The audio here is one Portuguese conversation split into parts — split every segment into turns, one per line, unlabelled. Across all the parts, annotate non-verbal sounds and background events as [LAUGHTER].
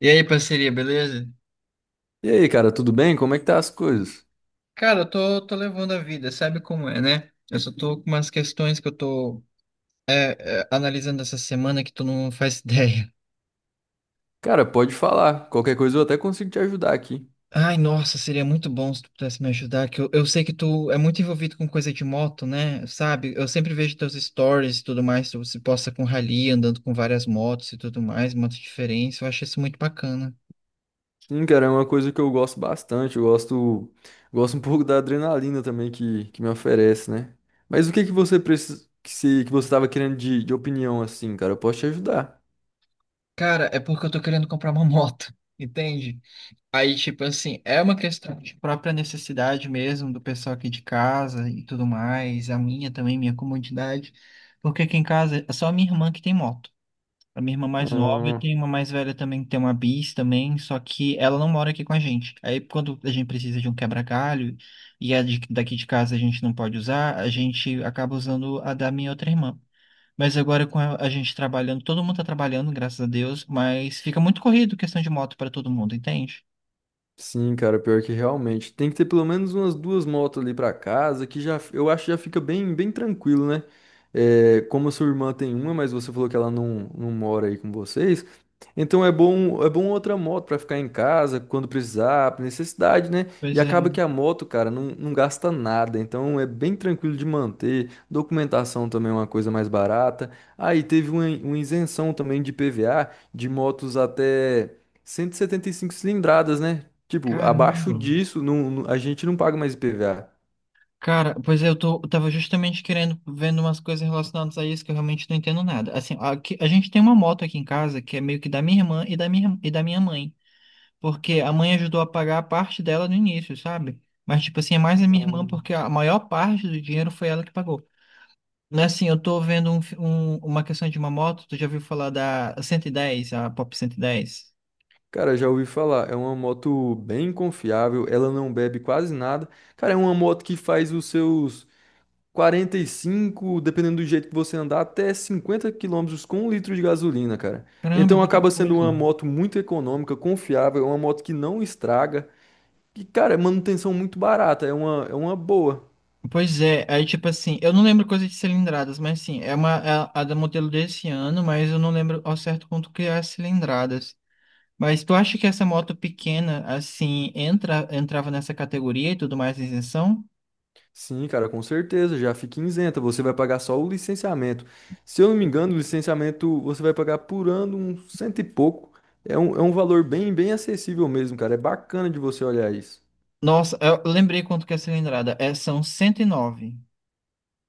E aí, parceria, beleza?
E aí, cara, tudo bem? Como é que tá as coisas?
Cara, eu tô levando a vida, sabe como é, né? Eu só tô com umas questões que eu tô analisando essa semana que tu não faz [LAUGHS] ideia.
Cara, pode falar. Qualquer coisa eu até consigo te ajudar aqui.
Ai, nossa, seria muito bom se tu pudesse me ajudar, que eu sei que tu é muito envolvido com coisa de moto, né? Sabe? Eu sempre vejo teus stories e tudo mais, tu se posta com rally, andando com várias motos e tudo mais, motos diferentes, eu acho isso muito bacana.
Sim, cara, é uma coisa que eu gosto bastante. Eu gosto, um [LAUGHS] pouco da adrenalina também que me oferece, né? Mas o que que você precisa, que, se, que você tava querendo de opinião assim, cara? Eu posso te ajudar.
Cara, é porque eu tô querendo comprar uma moto, [LAUGHS] entende? Aí, tipo assim, é uma questão de própria necessidade mesmo do pessoal aqui de casa e tudo mais, a minha também, minha comodidade, porque aqui em casa é só a minha irmã que tem moto. A minha irmã mais nova, eu
Hum,
tenho uma mais velha também que tem uma bis também, só que ela não mora aqui com a gente. Aí quando a gente precisa de um quebra-galho e daqui de casa a gente não pode usar, a gente acaba usando a da minha outra irmã. Mas agora com a gente trabalhando, todo mundo tá trabalhando, graças a Deus, mas fica muito corrido questão de moto para todo mundo, entende?
sim, cara, pior que realmente. Tem que ter pelo menos umas duas motos ali pra casa, que já eu acho que já fica bem, bem tranquilo, né? É, como a sua irmã tem uma, mas você falou que ela não mora aí com vocês. Então é bom outra moto para ficar em casa quando precisar, por necessidade, né? E
Pois é.
acaba que a moto, cara, não gasta nada, então é bem tranquilo de manter. Documentação também é uma coisa mais barata. Aí teve uma isenção também de PVA de motos até cento e setenta e cinco cilindradas, né? Tipo, abaixo
Caramba.
disso, a gente não paga mais IPVA.
Cara, pois é, eu tava justamente querendo, vendo umas coisas relacionadas a isso que eu realmente não entendo nada. Assim, aqui, a gente tem uma moto aqui em casa que é meio que da minha irmã e da minha mãe. Porque a mãe ajudou a pagar a parte dela no início, sabe? Mas, tipo assim, é mais a minha irmã porque a maior parte do dinheiro foi ela que pagou. Né, assim, eu tô vendo uma questão de uma moto, tu já ouviu falar da 110, a Pop 110?
Cara, já ouvi falar, é uma moto bem confiável, ela não bebe quase nada. Cara, é uma moto que faz os seus 45 dependendo do jeito que você andar, até 50 km com um litro de gasolina, cara.
Caramba, é
Então
muita
acaba sendo
coisa.
uma moto muito econômica, confiável, é uma moto que não estraga. E, cara, é manutenção muito barata, é uma boa.
Pois é, aí tipo assim, eu não lembro coisas de cilindradas, mas sim, é uma é a da modelo desse ano, mas eu não lembro ao certo quanto que é as cilindradas. Mas tu acha que essa moto pequena, assim, entra, entrava nessa categoria e tudo mais, isenção?
Sim, cara, com certeza, já fica isenta. Você vai pagar só o licenciamento. Se eu não me engano, o licenciamento você vai pagar por ano um cento e pouco. É um valor bem, bem acessível mesmo, cara. É bacana de você olhar isso.
Nossa, eu lembrei quanto que é a cilindrada. É, são 109.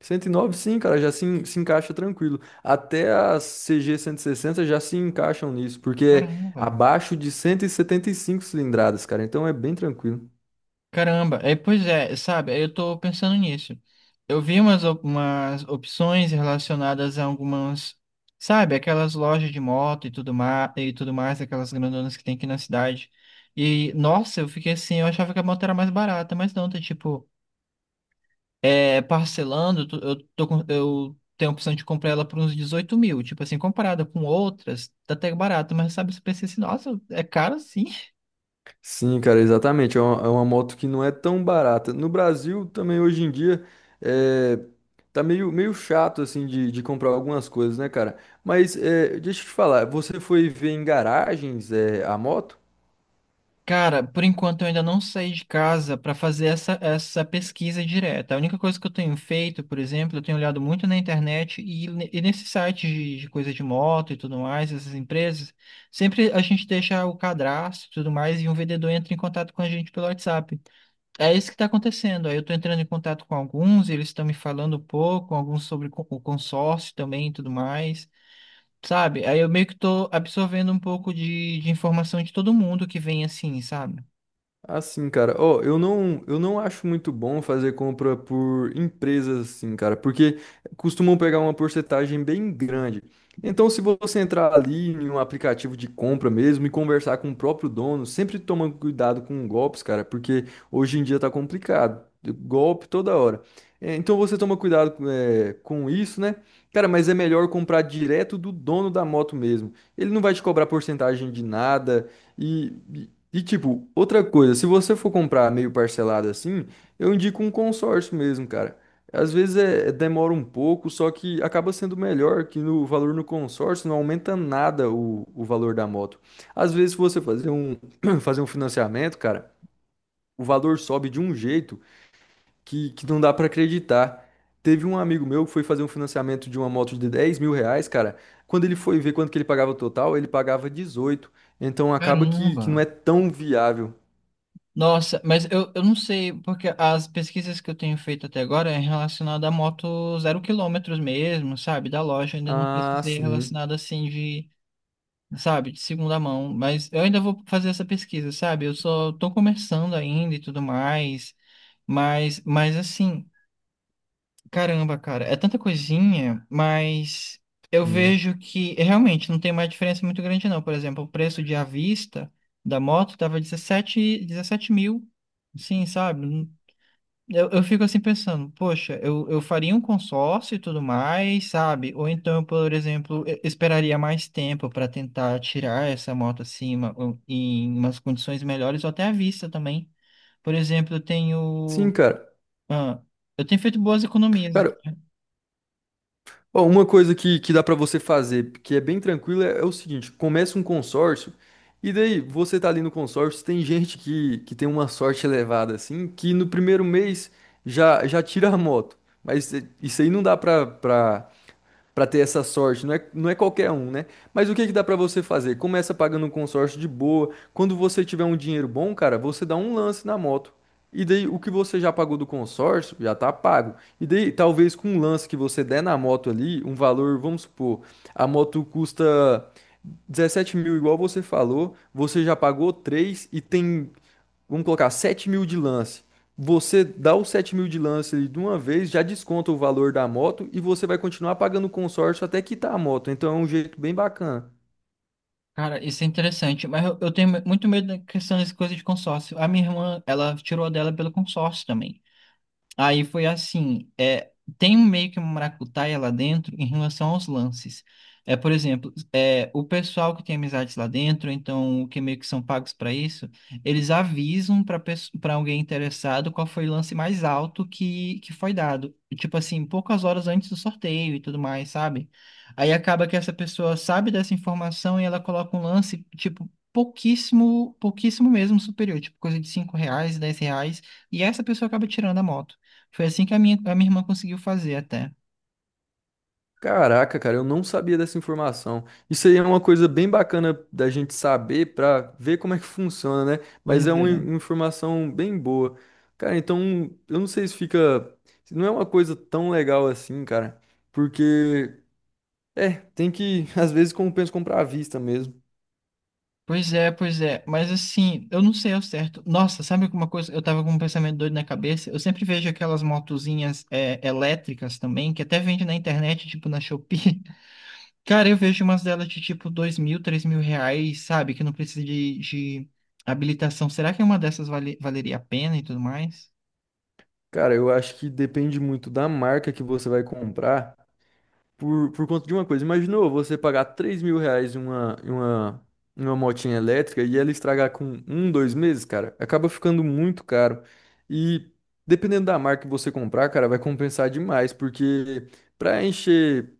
109, sim, cara, já se, en- se encaixa tranquilo. Até as CG 160 já se encaixam nisso, porque é
Caramba.
abaixo de 175 cilindradas, cara, então é bem tranquilo.
Caramba, é, pois é, sabe, eu tô pensando nisso. Eu vi umas opções relacionadas a algumas, sabe, aquelas lojas de moto e tudo mais, aquelas grandonas que tem aqui na cidade. E, nossa, eu fiquei assim, eu achava que a moto era mais barata, mas não, tá tipo, é, parcelando, eu tenho a opção de comprar ela por uns 18 mil, tipo assim, comparada com outras, tá até barato, mas sabe, você pensa assim, nossa, é caro sim.
Sim, cara, exatamente. É uma moto que não é tão barata. No Brasil, também hoje em dia, é, tá meio, meio chato, assim, de comprar algumas coisas, né, cara? Mas é, deixa eu te falar, você foi ver em garagens, é, a moto?
Cara, por enquanto eu ainda não saí de casa para fazer essa pesquisa direta. A única coisa que eu tenho feito, por exemplo, eu tenho olhado muito na internet e e nesses sites de coisa de moto e tudo mais, essas empresas, sempre a gente deixa o cadastro e tudo mais e um vendedor entra em contato com a gente pelo WhatsApp. É isso que está acontecendo. Aí eu estou entrando em contato com alguns, eles estão me falando um pouco, alguns sobre o consórcio também e tudo mais. Sabe? Aí eu meio que tô absorvendo um pouco de informação de todo mundo que vem assim, sabe?
Assim, cara, ó, eu não acho muito bom fazer compra por empresas assim, cara, porque costumam pegar uma porcentagem bem grande. Então, se você entrar ali em um aplicativo de compra mesmo e conversar com o próprio dono, sempre toma cuidado com golpes, cara, porque hoje em dia tá complicado. Golpe toda hora. É, então você toma cuidado com é, com isso, né? Cara, mas é melhor comprar direto do dono da moto mesmo. Ele não vai te cobrar porcentagem de nada. E, e tipo, outra coisa, se você for comprar meio parcelado assim, eu indico um consórcio mesmo, cara. Às vezes demora um pouco, só que acaba sendo melhor que no valor no consórcio não aumenta nada o valor da moto. Às vezes, se você fazer um, [CLEARS THROAT] fazer um financiamento, cara, o valor sobe de um jeito que não dá pra acreditar. Teve um amigo meu que foi fazer um financiamento de uma moto de R$ 10.000, cara. Quando ele foi ver quanto que ele pagava o total, ele pagava 18 mil. Então acaba que não
Caramba!
é tão viável.
Nossa, mas eu não sei, porque as pesquisas que eu tenho feito até agora é relacionada a moto zero quilômetros mesmo, sabe? Da loja, ainda não
Ah,
pesquisei
sim.
relacionada assim de, sabe, de segunda mão. Mas eu ainda vou fazer essa pesquisa, sabe? Eu só tô começando ainda e tudo mais. Mas assim. Caramba, cara, é tanta coisinha, mas eu
Sim,
vejo que realmente não tem mais diferença muito grande, não. Por exemplo, o preço de à vista da moto tava 17, 17 mil, sim, sabe? Eu fico assim pensando, poxa, eu faria um consórcio e tudo mais, sabe? Ou então, por exemplo, eu esperaria mais tempo para tentar tirar essa moto acima ou em umas condições melhores ou até à vista também. Por exemplo, eu
sim,
tenho.
cara.
Ah, eu tenho feito boas economias.
Cara, ó, uma coisa que dá pra você fazer, que é bem tranquilo, é o seguinte: começa um consórcio, e daí você tá ali no consórcio, tem gente que tem uma sorte elevada, assim, que no primeiro mês já tira a moto. Mas isso aí não dá pra, pra para ter essa sorte. Não é qualquer um, né? Mas o que que dá para você fazer? Começa pagando um consórcio de boa. Quando você tiver um dinheiro bom, cara, você dá um lance na moto. E daí o que você já pagou do consórcio já tá pago. E daí talvez com um lance que você der na moto ali, um valor, vamos supor, a moto custa 17 mil, igual você falou, você já pagou 3 mil e tem vamos colocar 7 mil de lance. Você dá os 7 mil de lance ali de uma vez, já desconta o valor da moto e você vai continuar pagando o consórcio até quitar a moto. Então é um jeito bem bacana.
Cara, isso é interessante, mas eu tenho muito medo da questão dessa coisa de consórcio. A minha irmã, ela tirou a dela pelo consórcio também. Aí foi assim, é, tem um meio que uma maracutaia lá dentro em relação aos lances. É, por exemplo, é, o pessoal que tem amizades lá dentro, então que meio que são pagos para isso, eles avisam para alguém interessado qual foi o lance mais alto que foi dado. Tipo assim, poucas horas antes do sorteio e tudo mais, sabe? Aí acaba que essa pessoa sabe dessa informação e ela coloca um lance, tipo, pouquíssimo, pouquíssimo mesmo superior, tipo coisa de R$ 5, R$ 10. E essa pessoa acaba tirando a moto. Foi assim que a minha irmã conseguiu fazer até.
Caraca, cara, eu não sabia dessa informação. Isso aí é uma coisa bem bacana da gente saber para ver como é que funciona, né? Mas
Pois
é uma
é.
informação bem boa. Cara, então eu não sei se fica. Se Não é uma coisa tão legal assim, cara. Porque, é, tem que, [LAUGHS] às vezes, compensa comprar à vista mesmo.
Pois é, pois é. Mas assim, eu não sei ao certo. Nossa, sabe alguma coisa? Eu tava com um pensamento doido na cabeça. Eu sempre vejo aquelas motozinhas é, elétricas também, que até vende na internet, tipo na Shopee. [LAUGHS] Cara, eu vejo umas delas de tipo 2 mil, 3 mil reais, sabe? Que não precisa de habilitação. Será que uma dessas valeria a pena e tudo mais?
Cara, eu acho que depende muito da marca que você vai comprar por conta de uma coisa. Imaginou você pagar R$ 3.000 em uma motinha elétrica e ela estragar com um, dois meses, cara? Acaba ficando muito caro. E dependendo da marca que você comprar, cara, vai compensar demais, porque para encher,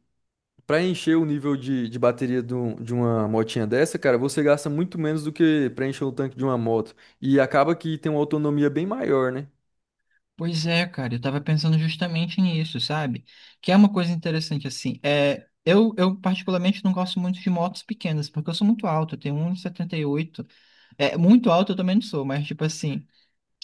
para encher o nível de bateria de uma motinha dessa, cara, você gasta muito menos do que para encher o tanque de uma moto. E acaba que tem uma autonomia bem maior, né?
Pois é, cara, eu tava pensando justamente nisso, sabe? Que é uma coisa interessante, assim, é, eu particularmente não gosto muito de motos pequenas, porque eu sou muito alto, eu tenho 1,78 m. É, muito alto eu também não sou, mas, tipo assim,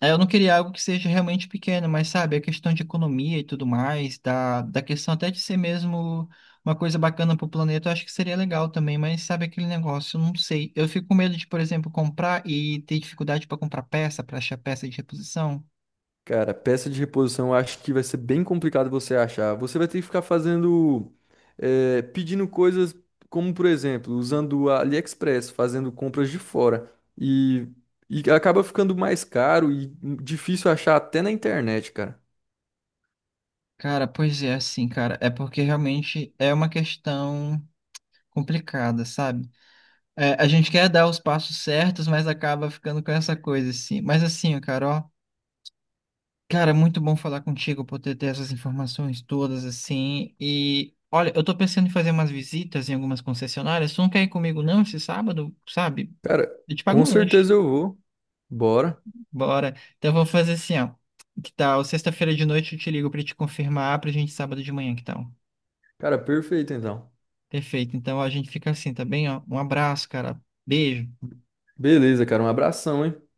é, eu não queria algo que seja realmente pequeno, mas, sabe, a questão de economia e tudo mais, da questão até de ser mesmo uma coisa bacana pro planeta, eu acho que seria legal também, mas, sabe, aquele negócio, eu não sei, eu fico com medo de, por exemplo, comprar e ter dificuldade para comprar peça, para achar peça de reposição.
Cara, peça de reposição eu acho que vai ser bem complicado você achar. Você vai ter que ficar fazendo, pedindo coisas como, por exemplo, usando a AliExpress, fazendo compras de fora. E, e acaba ficando mais caro e difícil achar até na internet, cara.
Cara, pois é, assim, cara, é porque realmente é uma questão complicada, sabe? É, a gente quer dar os passos certos, mas acaba ficando com essa coisa, assim. Mas assim, cara, ó, cara, muito bom falar contigo, poder ter essas informações todas, assim. E olha, eu tô pensando em fazer umas visitas em algumas concessionárias. Tu não quer ir comigo, não, esse sábado, sabe?
Cara,
Eu te pago
com
um lanche.
certeza eu vou. Bora.
Bora. Então eu vou fazer assim, ó. Que tal? Sexta-feira de noite eu te ligo pra te confirmar pra gente sábado de manhã, que tal?
Cara, perfeito então.
Perfeito. Então a gente fica assim, tá bem? Ó, um abraço, cara. Beijo.
Beleza, cara, um abração, hein?